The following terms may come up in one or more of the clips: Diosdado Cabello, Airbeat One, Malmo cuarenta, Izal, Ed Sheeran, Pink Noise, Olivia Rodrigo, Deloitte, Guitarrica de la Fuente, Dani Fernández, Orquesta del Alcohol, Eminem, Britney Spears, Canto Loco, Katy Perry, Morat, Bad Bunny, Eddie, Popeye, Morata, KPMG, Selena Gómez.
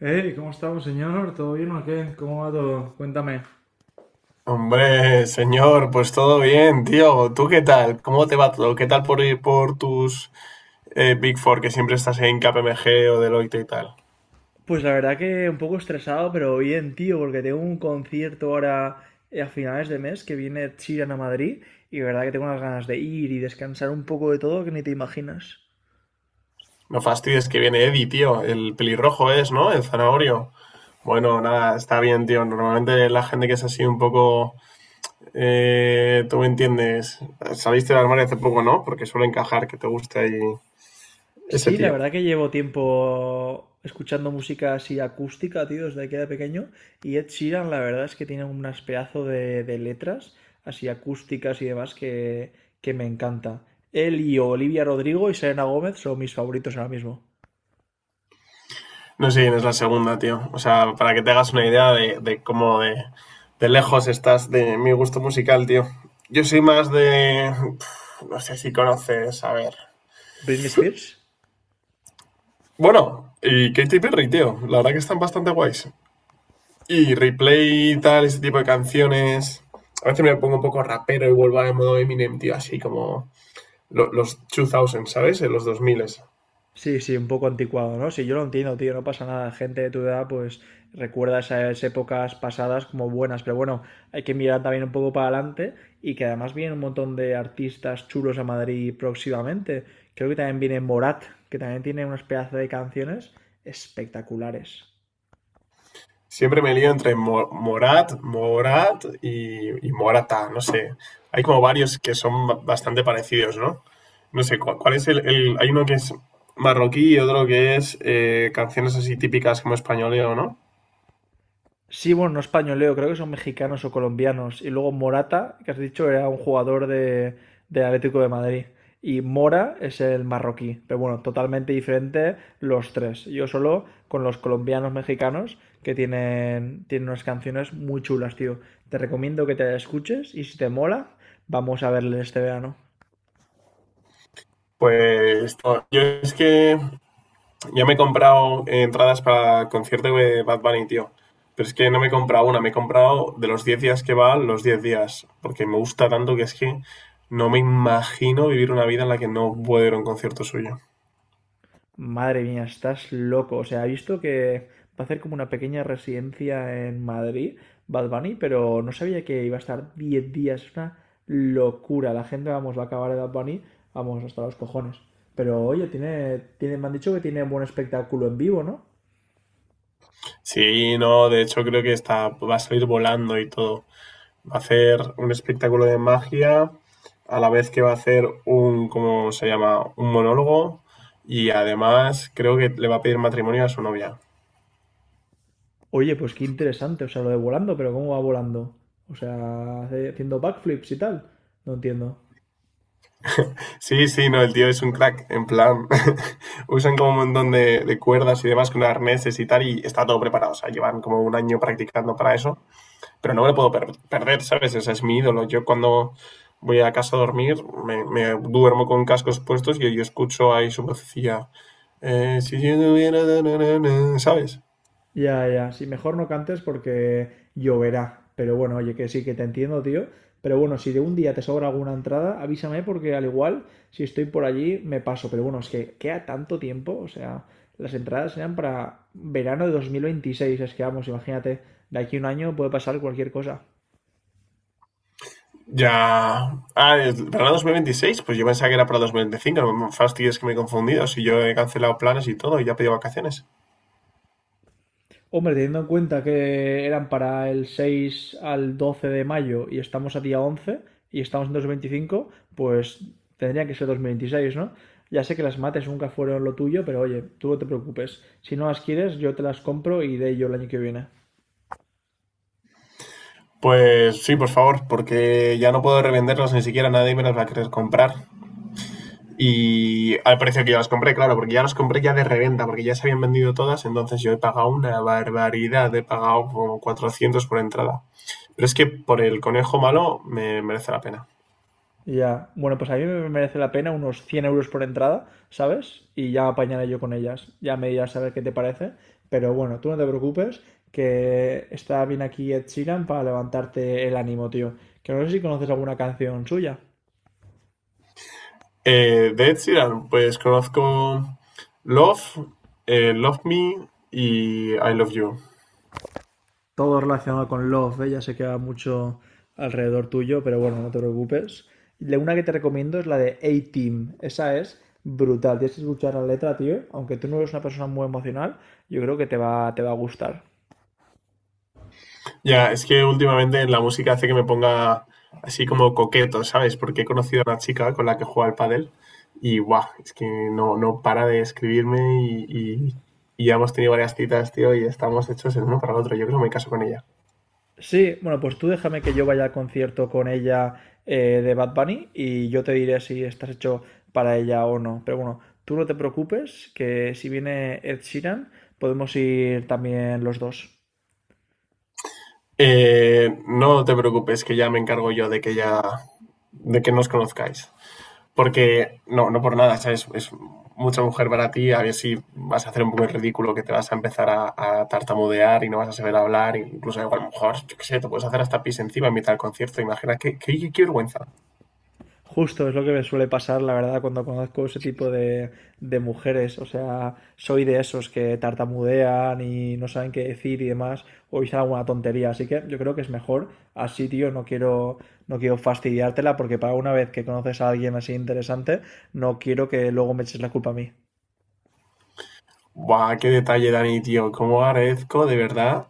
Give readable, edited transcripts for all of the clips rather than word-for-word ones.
Hey, ¿cómo estamos, señor? ¿Todo bien o qué? ¿Cómo va todo? Cuéntame. Hombre, señor, pues todo bien, tío. ¿Tú qué tal? ¿Cómo te va todo? ¿Qué tal por ir por tus Big Four, que siempre estás en KPMG o Deloitte y tal? Pues la verdad que un poco estresado, pero bien, tío, porque tengo un concierto ahora a finales de mes que viene Chiran a Madrid y la verdad que tengo unas ganas de ir y descansar un poco de todo que ni te imaginas. No fastidies que viene Eddie, tío. El pelirrojo es, ¿no? El zanahorio. Bueno, nada, está bien, tío. Normalmente la gente que es así un poco... tú me entiendes. Saliste del armario hace poco, ¿no? Porque suele encajar que te guste ahí ese Sí, la tío. verdad que llevo tiempo escuchando música así acústica, tío, desde que era pequeño. Y Ed Sheeran, la verdad es que tiene unas pedazo de letras así acústicas y demás que me encanta. Él y Olivia Rodrigo y Selena Gómez son mis favoritos ahora mismo. No sé quién es la segunda, tío. O sea, para que te hagas una idea de cómo de lejos estás de mi gusto musical, tío. Yo soy más de... no sé si conoces, a ver. ¿Britney Spears? Bueno, y Katy Perry, tío. La verdad que están bastante guays. Y replay y tal, ese tipo de canciones. A veces me pongo un poco rapero y vuelvo al modo Eminem, tío. Así como los 2000, ¿sabes? En los 2000. Sí, sí, un poco anticuado, ¿no? Sí, yo lo entiendo, tío, no pasa nada. Gente de tu edad, pues recuerda esas épocas pasadas como buenas, pero bueno, hay que mirar también un poco para adelante y que además vienen un montón de artistas chulos a Madrid próximamente. Creo que también viene Morat, que también tiene unas pedazos de canciones espectaculares. Siempre me lío entre Morat y Morata, no sé. Hay como varios que son bastante parecidos, ¿no? No sé. ¿Cuál, cuál es el- Hay uno que es marroquí y otro que es canciones así típicas como españoleo, ¿no? Sí, bueno, no españoleo, creo que son mexicanos o colombianos. Y luego Morata, que has dicho, era un jugador del Atlético de Madrid. Y Mora es el marroquí. Pero bueno, totalmente diferente los tres. Yo solo con los colombianos mexicanos que tienen unas canciones muy chulas, tío. Te recomiendo que te escuches y si te mola, vamos a verle este verano. Pues no, yo es que ya me he comprado entradas para concierto de Bad Bunny, tío. Pero es que no me he comprado una, me he comprado de los 10 días que va, los 10 días. Porque me gusta tanto que es que no me imagino vivir una vida en la que no puedo ir a un concierto suyo. Madre mía, estás loco. O sea, ha visto que va a hacer como una pequeña residencia en Madrid, Bad Bunny, pero no sabía que iba a estar 10 días. Es una locura. La gente, vamos, va a acabar de Bad Bunny, vamos, hasta los cojones. Pero oye, me han dicho que tiene buen espectáculo en vivo, ¿no? Sí, no, de hecho creo que está, va a salir volando y todo. Va a hacer un espectáculo de magia, a la vez que va a hacer un, ¿cómo se llama? Un monólogo. Y además creo que le va a pedir matrimonio a su novia. Oye, pues qué interesante. O sea, lo de volando, pero ¿cómo va volando? O sea, haciendo backflips y tal. No entiendo. Sí, sí, no, el tío es un crack, en plan, usan como un montón de cuerdas y demás con arneses y tal, y está todo preparado, o sea, llevan como un año practicando para eso, pero no me lo puedo perder, ¿sabes? Ese es mi ídolo. Yo cuando voy a casa a dormir, me duermo con cascos puestos y yo escucho ahí su vocecilla, si yo tuviera, na, na, na, na, ¿sabes? Ya, ya, sí, mejor no cantes porque lloverá. Pero bueno, oye, que sí, que te entiendo, tío. Pero bueno, si de un día te sobra alguna entrada, avísame porque al igual, si estoy por allí, me paso. Pero bueno, es que queda tanto tiempo, o sea, las entradas eran para verano de 2026, es que vamos, imagínate, de aquí a un año puede pasar cualquier cosa. Ya, ah, es para 2026, pues yo pensaba que era para 2025. No me fastidies que me he confundido, si yo he cancelado planes y todo, y ya he pedido vacaciones. Hombre, teniendo en cuenta que eran para el 6 al 12 de mayo y estamos a día 11 y estamos en 2025, pues tendría que ser 2026, ¿no? Ya sé que las mates nunca fueron lo tuyo, pero oye, tú no te preocupes. Si no las quieres, yo te las compro y de ello el año que viene. Pues sí, por favor, porque ya no puedo revenderlos ni siquiera, nadie me los va a querer comprar. Y al precio que yo las compré, claro, porque ya las compré ya de reventa, porque ya se habían vendido todas, entonces yo he pagado una barbaridad, he pagado como 400 por entrada. Pero es que por el conejo malo me merece la pena. Ya, bueno, pues a mí me merece la pena unos 100 euros por entrada, ¿sabes? Y ya apañaré yo con ellas, ya me dirás a ver qué te parece, pero bueno, tú no te preocupes, que está bien aquí Ed Sheeran para levantarte el ánimo, tío. Que no sé si conoces alguna canción suya. De Ed Sheeran, pues conozco Love, Love Me y I Love You. Todo relacionado con Love, ¿eh? Ya sé que va mucho alrededor tuyo, pero bueno, no te preocupes. La una que te recomiendo es la de A-Team, esa es brutal, tienes que escuchar la letra, tío, aunque tú no eres una persona muy emocional, yo creo que te va a gustar. Ya, es que últimamente la música hace que me ponga así como coqueto, ¿sabes? Porque he conocido a una chica con la que juega al pádel y guau, es que no, no para de escribirme y ya hemos tenido varias citas, tío, y estamos hechos el uno para el otro. Yo creo que no me caso con ella. Sí, bueno, pues tú déjame que yo vaya al concierto con ella de Bad Bunny y yo te diré si estás hecho para ella o no. Pero bueno, tú no te preocupes, que si viene Ed Sheeran, podemos ir también los dos. No te preocupes, que ya me encargo yo de que nos conozcáis. Porque no, no por nada, ¿sabes? Es mucha mujer para ti, a ver si vas a hacer un poco el ridículo, que te vas a empezar a tartamudear y no vas a saber hablar, e incluso igual, a lo mejor, yo qué sé, te puedes hacer hasta pis encima en mitad del concierto. Imagina, qué vergüenza. Justo es lo que me suele pasar, la verdad, cuando conozco ese tipo de mujeres. O sea, soy de esos que tartamudean y no saben qué decir y demás, o dicen alguna tontería. Así que yo creo que es mejor así, tío. No quiero, no quiero fastidiártela porque para una vez que conoces a alguien así interesante, no quiero que luego me eches la culpa a mí. Buah, qué detalle, Dani, tío, cómo agradezco de verdad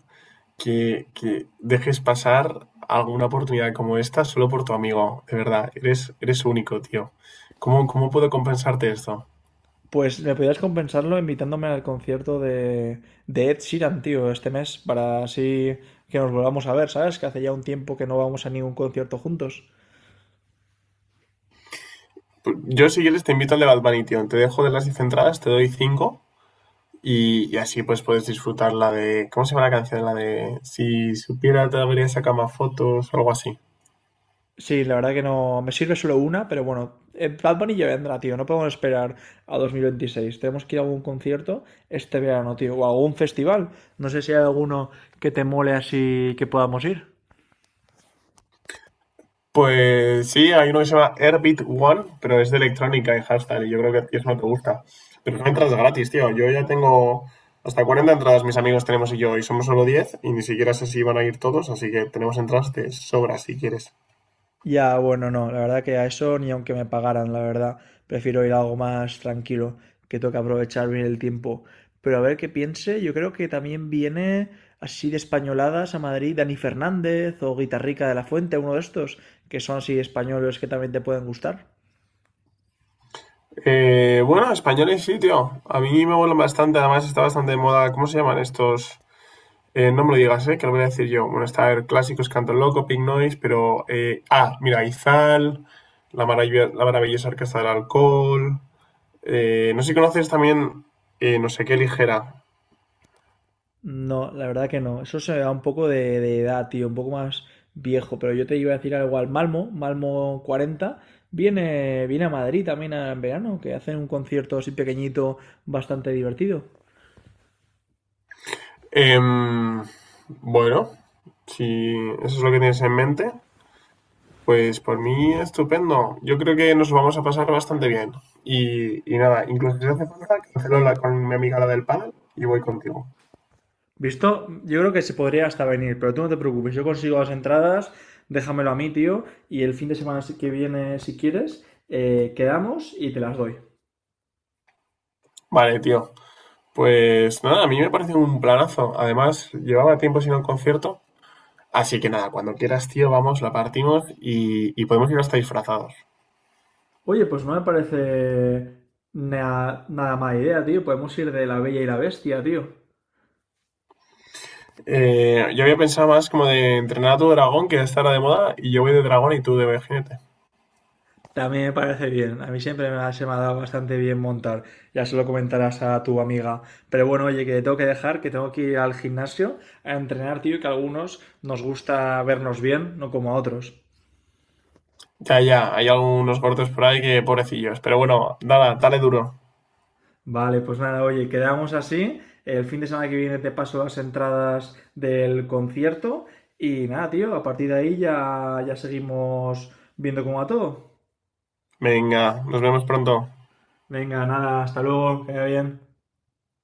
que dejes pasar alguna oportunidad como esta solo por tu amigo. De verdad, eres único, tío. ¿Cómo puedo compensarte esto? Pues me podrías compensarlo invitándome al concierto de Ed Sheeran, tío, este mes, para así que nos volvamos a ver, ¿sabes? Que hace ya un tiempo que no vamos a ningún concierto juntos. Yo, si quieres, te invito al de Bad Bunny, tío. Te dejo de las 10 entradas, te doy cinco. Y así pues puedes disfrutar la de... ¿Cómo se llama la canción? La de... Si supiera te debería sacar más fotos algo así. Sí, la verdad que no. Me sirve solo una, pero bueno. Bad Bunny ya vendrá, tío. No podemos esperar a 2026. Tenemos que ir a algún concierto este verano, tío. O a algún festival. No sé si hay alguno que te mole así que podamos ir. Pues sí, hay uno que se llama Airbeat One, pero es de electrónica y hashtag y yo creo que a ti eso no te gusta. Pero son entradas gratis, tío. Yo ya tengo hasta 40 entradas, mis amigos tenemos y yo, y somos solo 10 y ni siquiera sé si van a ir todos, así que tenemos entradas de sobra si quieres. Ya, bueno, no. La verdad que a eso ni aunque me pagaran, la verdad. Prefiero ir a algo más tranquilo, que toca aprovechar bien el tiempo. Pero a ver qué piense. Yo creo que también viene así de españoladas a Madrid Dani Fernández o Guitarrica de la Fuente, uno de estos, que son así españoles que también te pueden gustar. Bueno, españoles sí, tío. A mí me molan bastante, además está bastante de moda. ¿Cómo se llaman estos? No me lo digas, que lo voy a decir yo. Bueno, está a ver, clásicos, Canto Loco, Pink Noise, pero... ah, mira, Izal, la maravillosa Orquesta del Alcohol... no sé si conoces también, no sé qué ligera. No, la verdad que no. Eso se me da un poco de edad, tío, un poco más viejo. Pero yo te iba a decir algo al Malmo 40. Viene, a Madrid también en verano, que hacen un concierto así pequeñito, bastante divertido. Em, bueno, si eso es lo que tienes en mente, pues por mí estupendo. Yo creo que nos vamos a pasar bastante bien. Y nada, incluso si hace falta, cancelo con mi amiga la del panel y voy contigo. ¿Visto? Yo creo que se podría hasta venir, pero tú no te preocupes. Yo consigo las entradas, déjamelo a mí, tío. Y el fin de semana si que viene, si quieres, quedamos y te las doy. Vale, tío. Pues nada, a mí me parece un planazo. Además, llevaba tiempo sin un concierto. Así que nada, cuando quieras, tío, vamos, la partimos y podemos ir hasta disfrazados. Oye, pues no me parece nada mala idea, tío. Podemos ir de La Bella y la Bestia, tío. Yo había pensado más como de entrenar a tu dragón, que estará de moda, y yo voy de dragón y tú de jinete. También me parece bien. A mí siempre se me ha dado bastante bien montar. Ya se lo comentarás a tu amiga. Pero bueno, oye, que te tengo que dejar, que tengo que ir al gimnasio a entrenar, tío, y que a algunos nos gusta vernos bien, no como a otros. Ya, ya, hay algunos cortes por ahí que pobrecillos. Pero bueno, nada, dale duro. Vale, pues nada, oye, quedamos así. El fin de semana que viene te paso las entradas del concierto. Y nada, tío, a partir de ahí ya, ya seguimos viendo cómo va todo. Venga, nos vemos pronto. Venga, nada, hasta luego, que vaya bien.